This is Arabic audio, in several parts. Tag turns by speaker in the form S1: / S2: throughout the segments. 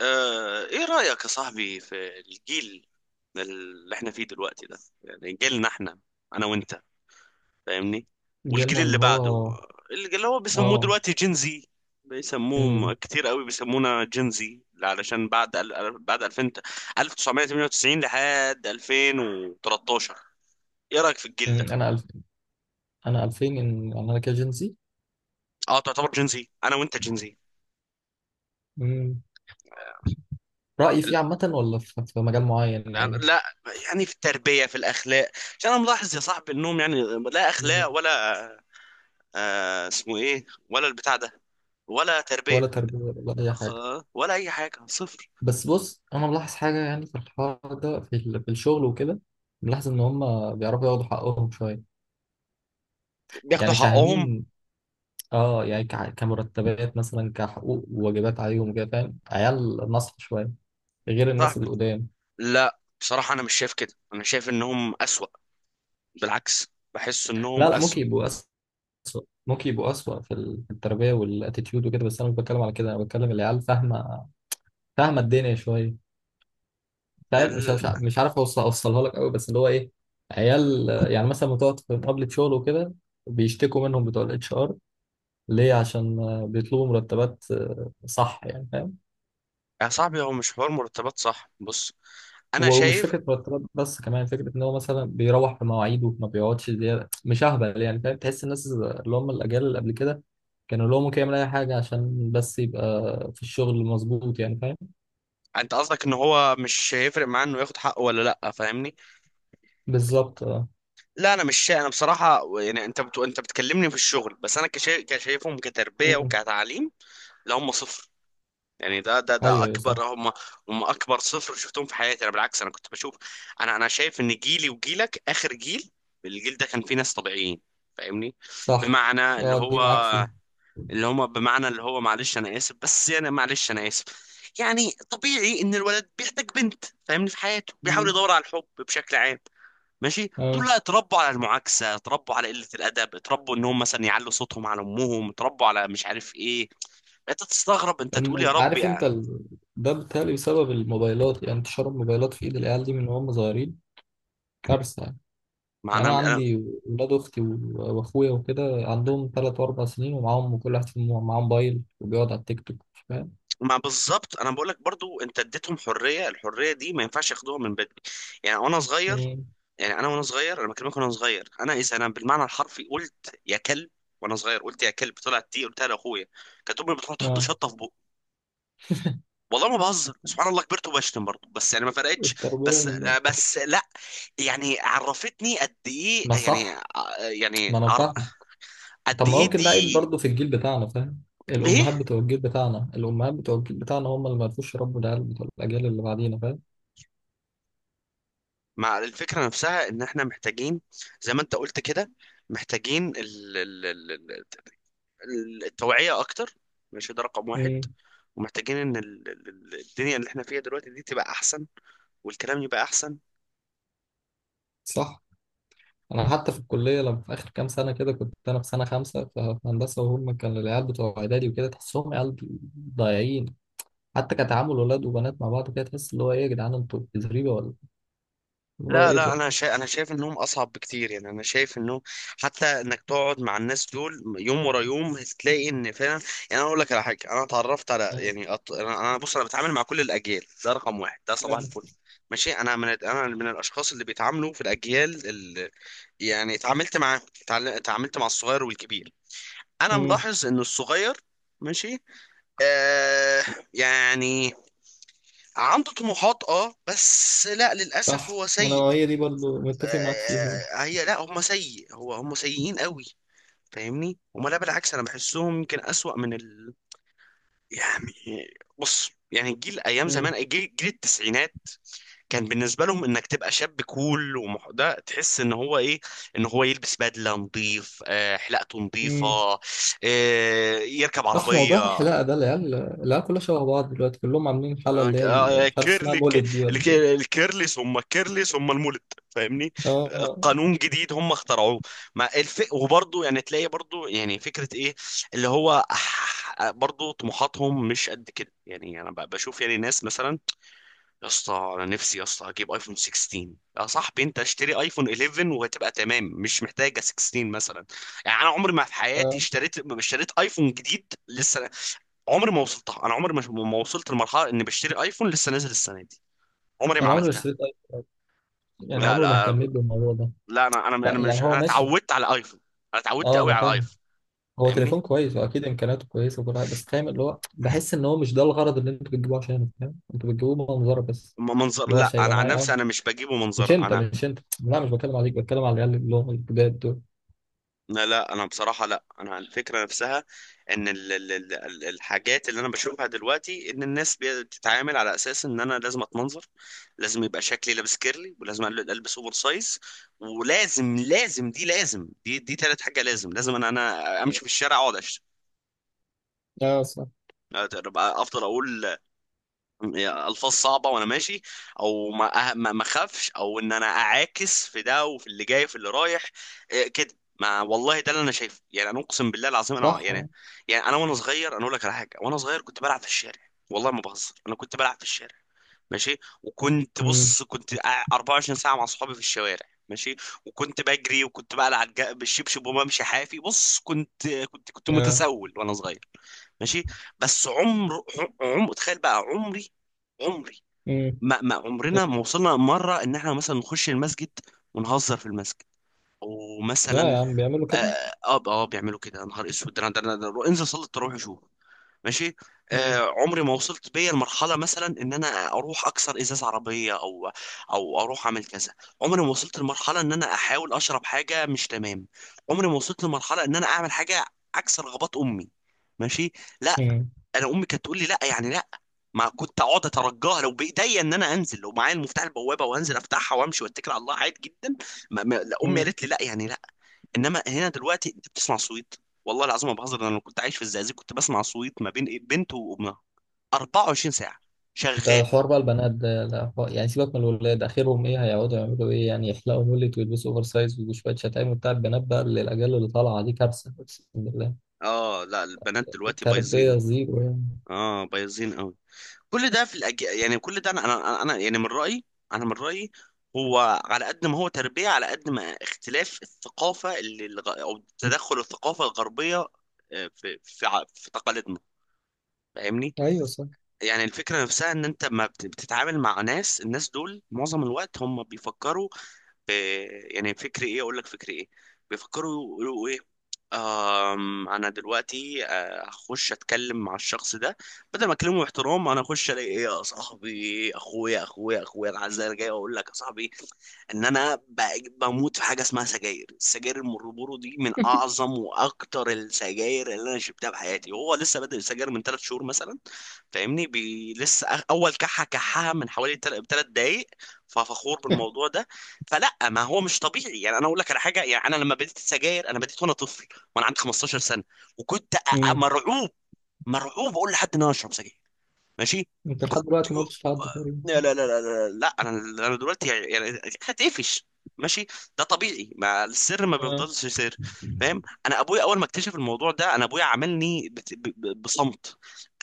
S1: ايه رأيك يا صاحبي في الجيل اللي احنا فيه دلوقتي ده؟ يعني جيلنا احنا، انا وانت، فاهمني؟ والجيل
S2: جيلنا اللي
S1: اللي بعده
S2: هو.
S1: اللي هو بيسموه
S2: اه
S1: دلوقتي جينزي.
S2: امم
S1: كتير قوي بيسمونا جينزي علشان بعد بعد 2000، 1998 لحد 2013. ايه رأيك في الجيل ده؟
S2: أمم، انا ألف... انا 2000 يعني انا كده جنسي.
S1: اه، تعتبر جينزي انا وانت جينزي.
S2: امم رأيي فيه عامة، ولا في مجال معين
S1: لا
S2: يعني؟
S1: لا، يعني في التربية، في الأخلاق. عشان أنا ملاحظ يا صاحبي إنهم يعني لا
S2: أمم،
S1: أخلاق ولا اسمه ايه ولا البتاع ده، ولا تربية.
S2: ولا تربية ولا اي
S1: أخ...
S2: حاجة.
S1: ولا اي حاجة، صفر.
S2: بس بص، انا ملاحظ حاجة يعني في الحوار ده، في الشغل وكده. ملاحظ ان هم بيعرفوا ياخدوا حقهم شوية،
S1: بياخدوا
S2: يعني
S1: حقهم؟
S2: فاهمين. اه يعني كمرتبات مثلا، كحقوق وواجبات عليهم كده، فاهم؟ عيال نصح شوية غير الناس
S1: صاحبي،
S2: اللي قدام.
S1: لا، بصراحة انا مش شايف كده، انا شايف انهم اسوأ. بالعكس، بحس انهم
S2: لا لا،
S1: اسوأ.
S2: ممكن يبقوا أسوأ، ممكن يبقوا أسوأ في التربية والاتيتيود وكده، بس أنا مش بتكلم على كده. أنا بتكلم العيال فاهمة، فاهمة الدنيا شوية. فاهم؟ مش
S1: ال...
S2: مش مش عارف أوصلها لك قوي، بس اللي هو إيه. عيال، يعني مثلا بتقعد في مقابلة شغل وكده، بيشتكوا منهم بتوع الاتش ار ليه؟ عشان بيطلبوا مرتبات. صح، يعني فاهم.
S1: يا صاحبي هو مش حوار مرتبات، صح؟ بص، انا
S2: ومش
S1: شايف،
S2: فكرة مرتبات بس، كمان فكرة إن هو مثلا بيروح في مواعيده، ما بيقعدش زيادة، مش أهبل. يعني فاهم، تحس الناس اللي هم الأجيال اللي قبل كده كانوا اللي هو ممكن يعمل أي حاجة عشان بس يبقى في الشغل، مظبوط. يعني فاهم.
S1: انت قصدك ان هو مش هيفرق معاه انه ياخد حقه ولا لا، فاهمني؟
S2: بالظبط، اه.
S1: لا انا مش شايف، انا بصراحه يعني انت انت بتكلمني في الشغل، بس انا كشايفهم كتربيه
S2: مم.
S1: وكتعليم. لا، هم صفر. يعني ده ده
S2: ايوه، ايوه، صح.
S1: اكبر هم، هم اكبر صفر شفتهم في حياتي. انا بالعكس انا كنت بشوف، انا شايف ان جيلي وجيلك اخر جيل. الجيل ده كان فيه ناس طبيعيين، فاهمني؟
S2: صح.
S1: بمعنى اللي
S2: اه، دي
S1: هو،
S2: معاك فيه.
S1: اللي هم، بمعنى اللي هو معلش انا اسف، بس يعني معلش انا اسف. يعني طبيعي ان الولد بيحتاج بنت، فاهمني؟ في حياته بيحاول
S2: مم.
S1: يدور على الحب بشكل عام. ماشي، دول
S2: اه.
S1: لا، اتربوا على المعاكسة، اتربوا على قلة الأدب، اتربوا ان هم مثلا يعلوا صوتهم على أمهم، اتربوا على مش عارف ايه. انت تستغرب، انت تقول يا رب.
S2: عارف انت ده بالتالي بسبب الموبايلات. يعني انتشار الموبايلات في ايد العيال دي من وهم صغيرين، كارثة يعني.
S1: ما
S2: يعني
S1: انا
S2: انا
S1: انا
S2: عندي ولاد اختي واخويا وكده عندهم 3 و4 سنين، ومعاهم كل واحد فيهم معاه موبايل، وبيقعد على التيك توك. فاهم.
S1: ما بالظبط، انا بقول لك برضو، انت اديتهم حريه، الحريه دي ما ينفعش ياخدوها من بدري. يعني وانا صغير،
S2: مم.
S1: يعني انا وانا صغير، انا بكلمك وانا صغير، انا اذا انا بالمعنى الحرفي قلت يا كلب وانا صغير، قلت يا كلب طلعت دي قلتها لاخويا، كانت امي بتروح تحط
S2: اه.
S1: شطه في بقي. والله ما بهزر، سبحان الله كبرت وبشتم برضه، بس يعني ما فرقتش.
S2: التربية
S1: بس، بس لا، يعني عرفتني قد ايه
S2: ما
S1: يعني،
S2: صح،
S1: يعني
S2: ما انا فاهم.
S1: قد
S2: طب ما
S1: ايه
S2: ممكن ده عيب
S1: دي،
S2: برضه في الجيل بتاعنا، فاهم؟
S1: ايه.
S2: الامهات بتوع الجيل بتاعنا هم اللي ما عرفوش يربوا العيال بتوع الاجيال اللي بعدينا، فاهم؟
S1: مع الفكرة نفسها ان احنا محتاجين، زي ما انت قلت كده، محتاجين التوعية اكتر. ماشي، ده رقم واحد.
S2: امم.
S1: ومحتاجين ان الدنيا اللي احنا فيها دلوقتي دي تبقى احسن، والكلام يبقى احسن.
S2: صح. انا حتى في الكليه، لما في اخر كام سنه كده، كنت انا في سنه خمسه في هندسه، وهم كان العيال بتوع اعدادي وكده، تحسهم عيال ضايعين. حتى كتعامل ولاد وبنات مع بعض كده، تحس اللي هو ايه، يا جدعان انتوا زريبه ولا اللي هو
S1: لا
S2: ايه
S1: لا،
S2: ده.
S1: انا شايف انهم اصعب بكتير. يعني انا شايف انه حتى انك تقعد مع الناس دول يوم ورا يوم هتلاقي ان فعلا، يعني انا اقول لك على حاجه. انا اتعرفت على
S2: امم.
S1: يعني بص، انا بتعامل مع كل الاجيال، ده رقم واحد، ده صباح
S2: أيوة.
S1: الفل. ماشي، انا من الاشخاص اللي بيتعاملوا في الاجيال اللي، يعني اتعاملت معاهم، اتعاملت مع الصغير والكبير. انا
S2: أمم.
S1: ملاحظ ان الصغير، ماشي، آه، يعني عنده طموحات، اه، بس لا، للاسف
S2: صح،
S1: هو
S2: انا
S1: سيء.
S2: هي دي برضه متفق معاك فيها.
S1: آه، آه، آه، هي لا هم سيء هو هم سيئين قوي، فاهمني؟ هم لا، بالعكس انا بحسهم يمكن اسوأ يعني. بص، يعني الجيل ايام زمان، جيل, جيل التسعينات، كان بالنسبه لهم انك تبقى شاب كول، ده تحس ان هو ايه، ان هو يلبس بدله نظيف، حلاقته نظيفه،
S2: امم.
S1: يركب
S2: اح، موضوع
S1: عربيه،
S2: الحلاقه ده، العيال كلها شبه بعض دلوقتي، كلهم عاملين حاله اللي هي مش عارف اسمها
S1: كيرلي،
S2: مولد دي ولا إيه.
S1: الكيرلي ثم الكيرلي ثم المولد، فاهمني؟
S2: اه.
S1: قانون جديد هم اخترعوه. وبرضه يعني تلاقي برضه يعني فكرة ايه، اللي هو برضه طموحاتهم مش قد كده. يعني انا بشوف يعني ناس مثلا، يا اسطى انا نفسي يا اسطى اجيب ايفون 16. يا صاحبي، انت اشتري ايفون 11 وهتبقى تمام، مش محتاجه 16 مثلا. يعني انا عمري ما في حياتي
S2: اه،
S1: اشتريت، ما اشتريت ايفون جديد لسه. عمري ما وصلتها، انا عمري ما، ما وصلت لمرحله اني بشتري ايفون لسه نازل السنه دي. عمري ما
S2: يعني عمري ما
S1: عملتها.
S2: اشتريت ايفون. يعني
S1: لا
S2: عمري ما
S1: لا
S2: اهتميت بالموضوع ده.
S1: لا، انا انا انا
S2: لا، يعني
S1: مش
S2: هو
S1: انا
S2: ماشي.
S1: اتعودت على ايفون، انا اتعودت
S2: اه،
S1: قوي
S2: انا
S1: على
S2: فاهم،
S1: ايفون،
S2: هو
S1: فاهمني؟
S2: تليفون كويس، واكيد امكانياته كويسه وكل حاجه، بس فاهم اللي هو بحس ان هو مش ده الغرض اللي انتوا بتجيبوه عشانه. فاهم، انتوا بتجيبوه منظره بس،
S1: منظر؟
S2: اللي هو
S1: لا،
S2: عشان يبقى
S1: انا عن
S2: معايا.
S1: نفسي
S2: اه،
S1: انا مش بجيبه
S2: مش
S1: منظر.
S2: انت
S1: انا
S2: مش انت لا، مش بتكلم عليك، بتكلم على العيال اللي هم الجداد دول.
S1: لا لا، انا بصراحه لا، انا الفكره نفسها ان الحاجات اللي انا بشوفها دلوقتي ان الناس بتتعامل على اساس ان انا لازم اتمنظر، لازم يبقى شكلي لابس كيرلي، ولازم البس اوفر سايز، ولازم لازم دي لازم دي دي تالت حاجه، لازم، لازم انا امشي في الشارع اقعد اشتم،
S2: اه، صح.
S1: أبقى افضل اقول الفاظ صعبه وانا ماشي، او ما أه- ما ما اخافش، او ان انا اعاكس في ده وفي اللي جاي وفي اللي رايح. إيه كده؟ ما والله ده اللي انا شايفه، يعني انا اقسم بالله العظيم انا
S2: صح.
S1: يعني، يعني انا وانا صغير، انا اقول لك على حاجه، وانا صغير كنت بلعب في الشارع، والله ما بهزر. انا كنت بلعب في الشارع، ماشي، وكنت
S2: امم.
S1: بص، 24 ساعه مع اصحابي في الشوارع. ماشي، وكنت بجري وكنت بقلع بالشبشب وبمشي حافي، بص كنت، كنت
S2: اه.
S1: متسول وانا صغير، ماشي. بس عمر، عمر، تخيل بقى عمري، عمري
S2: امم.
S1: ما، ما عمرنا ما وصلنا مرة ان احنا مثلا نخش المسجد ونهزر في المسجد
S2: لا يا
S1: ومثلا.
S2: عم، بيعملوا
S1: اه
S2: كده.
S1: اه، بيعملوا كده؟ يا نهار اسود، ده انا، انزل صلي التراويح شوف. ماشي، آه، عمري ما وصلت بيا المرحلة مثلا ان انا اروح اكسر ازاز عربية او او اروح اعمل كذا. عمري ما وصلت لمرحلة ان انا احاول اشرب حاجة مش تمام. عمري ما وصلت لمرحلة ان انا اعمل حاجة عكس رغبات امي، ماشي، لا.
S2: مم.
S1: انا امي كانت تقول لي لا يعني لا. ما كنت اقعد اترجاها، لو بايديا ان انا انزل، لو معايا المفتاح البوابه وانزل افتحها وامشي واتكل على الله، عادي جدا. ما ما لا، امي
S2: مم.
S1: قالت لي لا يعني لا. انما هنا دلوقتي انت بتسمع صويت، والله العظيم ما بهزر، انا لو كنت عايش في الزقازيق كنت بسمع صويت ما بين بنت وامها 24 ساعه
S2: انت
S1: شغال.
S2: حوار بقى البنات ده، لا حوار- يعني سيبك من الولاد، اخرهم ايه؟ هيقعدوا يعملوا ايه يعني؟ يحلقوا مولت، ويلبسوا اوفر سايز، وشويه شتايم وبتاع. البنات بقى اللي الاجيال اللي طالعه دي، كارثه اقسم بالله.
S1: اه لا، البنات دلوقتي بايظين،
S2: التربيه زيرو يعني.
S1: اه بايظين. كل ده يعني كل ده انا يعني من رأيي، انا من رأيي، هو على قد ما هو تربية على قد ما اختلاف الثقافة او تدخل الثقافة الغربية في في تقاليدنا، فاهمني؟
S2: ايوه، صح.
S1: يعني الفكرة نفسها ان انت ما بت- بتتعامل مع ناس، الناس دول معظم الوقت هم بيفكروا. إيه يعني فكري ايه؟ اقول لك فكري ايه، بيفكروا يقولوا ايه؟ آم، انا دلوقتي هخش اتكلم مع الشخص ده، بدل ما اكلمه باحترام انا اخش الاقي ايه. يا صاحبي اخويا، اخويا العزيز، انا جاي اقول لك يا صاحبي ان انا بموت في حاجه اسمها سجاير. السجاير المربورو دي من اعظم واكتر السجاير اللي انا شربتها في حياتي، وهو لسه بادئ السجاير من ثلاث شهور مثلا، فاهمني؟ لسه اول كحه كحها من حوالي تلات دقايق، ففخور بالموضوع ده. فلا، ما هو مش طبيعي. يعني انا اقول لك على حاجه، يعني انا لما بديت السجاير انا بديت وانا طفل، وانا عندي 15 سنه، وكنت أ-
S2: امم.
S1: مرعوب، مرعوب اقول لحد ان انا اشرب سجاير، ماشي.
S2: انت
S1: كنت،
S2: لحد دلوقتي ما قلتش لحد تقريبا.
S1: لا لا لا لا لا, لا. انا انا دلوقتي يعني، يعني هتقفش، ماشي. ده طبيعي، ما السر ما
S2: آه.
S1: بيفضلش سر، فاهم؟ انا ابويا اول ما اكتشف الموضوع ده، انا ابويا عملني بصمت،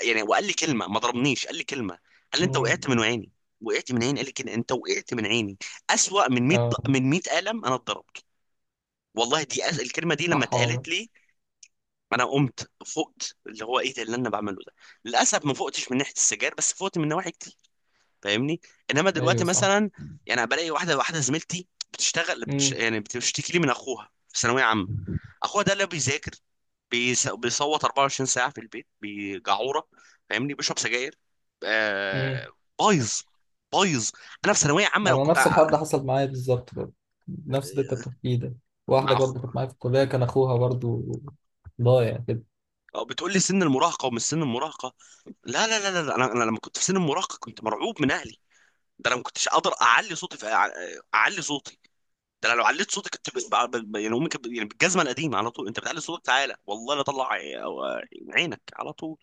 S1: يعني وقال لي كلمه، ما ضربنيش، قال لي كلمه، قال لي انت
S2: امم.
S1: وقعت من عيني. وقعت من عيني، قال لي كده، انت وقعت من عيني. اسوأ من 100،
S2: اه،
S1: من 100 قلم انا اتضربت، والله. دي الكلمه دي لما
S2: صح والله.
S1: اتقالت لي انا قمت، فقت. اللي هو ايه ده اللي انا بعمله ده؟ للاسف ما فقتش من ناحيه السجاير، بس فقت من نواحي، فاهمني؟ انما دلوقتي
S2: ايوه، صح.
S1: مثلا، يعني بلاقي واحده، واحده زميلتي بتشتغل،
S2: امم.
S1: يعني بتشتكي لي من اخوها في ثانويه عامه. اخوها ده اللي بيذاكر، بيصوت 24 ساعه في البيت بجعوره، فاهمني؟ بيشرب سجاير،
S2: امم.
S1: آه، بايظ، بايظ. انا في ثانويه عامه لو
S2: انا نفس الحوار ده حصل معايا بالظبط برضه، نفس اللي انت بتحكيه ده.
S1: مع
S2: واحده برضه
S1: اخو،
S2: كانت معايا في الكليه، كان اخوها برضه ضايع كده.
S1: بتقول لي سن المراهقه ومش سن المراهقه. لا لا لا لا لا، انا، انا لما كنت في سن المراهقه كنت مرعوب من اهلي. ده انا ما كنتش اقدر اعلي صوتي اعلي صوتي. ده انا لو عليت صوتك كنت يعني امي كانت يعني بالجزمه القديمه على طول، انت بتعلي صوتك تعالى، والله لا طلع عينك على طول.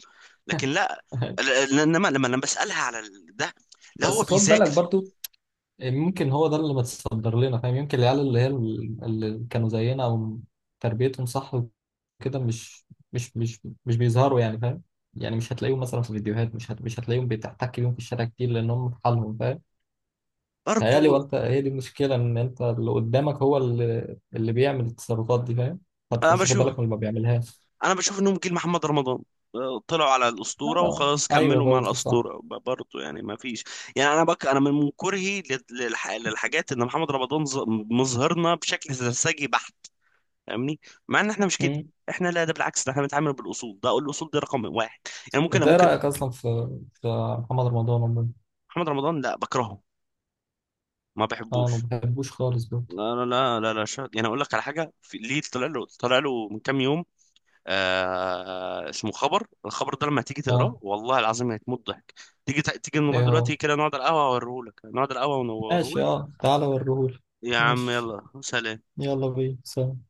S1: لكن لا، انما لما بسالها على ده، لا هو
S2: بس خد بالك
S1: بيذاكر
S2: برضو، ممكن هو ده اللي متصدر لنا، فاهم؟ يمكن العيال اللي هي اللي كانوا زينا، او تربيتهم صح وكده، مش بيظهروا يعني، فاهم؟ يعني مش هتلاقيهم مثلا في فيديوهات، مش هتلاقيهم بتحتك بيهم في الشارع كتير، لان هم في حالهم، فاهم؟
S1: برضه.
S2: تهيألي وانت هي دي المشكله، ان انت اللي قدامك هو اللي بيعمل التصرفات دي، فاهم؟ فانت
S1: انا
S2: مش واخد
S1: بشوف،
S2: بالك من اللي ما بيعملهاش.
S1: انا بشوف انهم جيل محمد رمضان، طلعوا على الاسطوره
S2: اه.
S1: وخلاص
S2: ايوه،
S1: كملوا مع
S2: برضه صح.
S1: الاسطوره، برضه يعني ما فيش. يعني انا بك، انا من كرهي للحاجات، ان محمد رمضان مظهرنا بشكل سرسجي بحت، فاهمني؟ مع ان احنا مش كده،
S2: مم.
S1: احنا لا، ده بالعكس، ده احنا بنتعامل بالاصول، ده اقول الاصول دي رقم واحد. يعني ممكن،
S2: انت ايه
S1: ممكن.
S2: رايك اصلا في محمد رمضان عموما؟
S1: محمد رمضان لا، بكرهه، ما
S2: اه، ما
S1: بحبوش.
S2: بحبوش خالص برضه.
S1: لا لا لا لا لا شا... يعني اقول لك على حاجه ليه طلع له، طلع له من كام يوم اسمه خبر، الخبر ده لما تيجي
S2: اه،
S1: تقراه والله العظيم هتموت ضحك. تيجي نروح
S2: ايه هو؟
S1: دلوقتي كده نقعد على القهوه اوريهولك، نقعد على القهوه
S2: ماشي،
S1: ونوريهولك.
S2: اه، تعالى وريهولي.
S1: يا عم
S2: ماشي،
S1: يلا سلام.
S2: يلا بينا، سلام.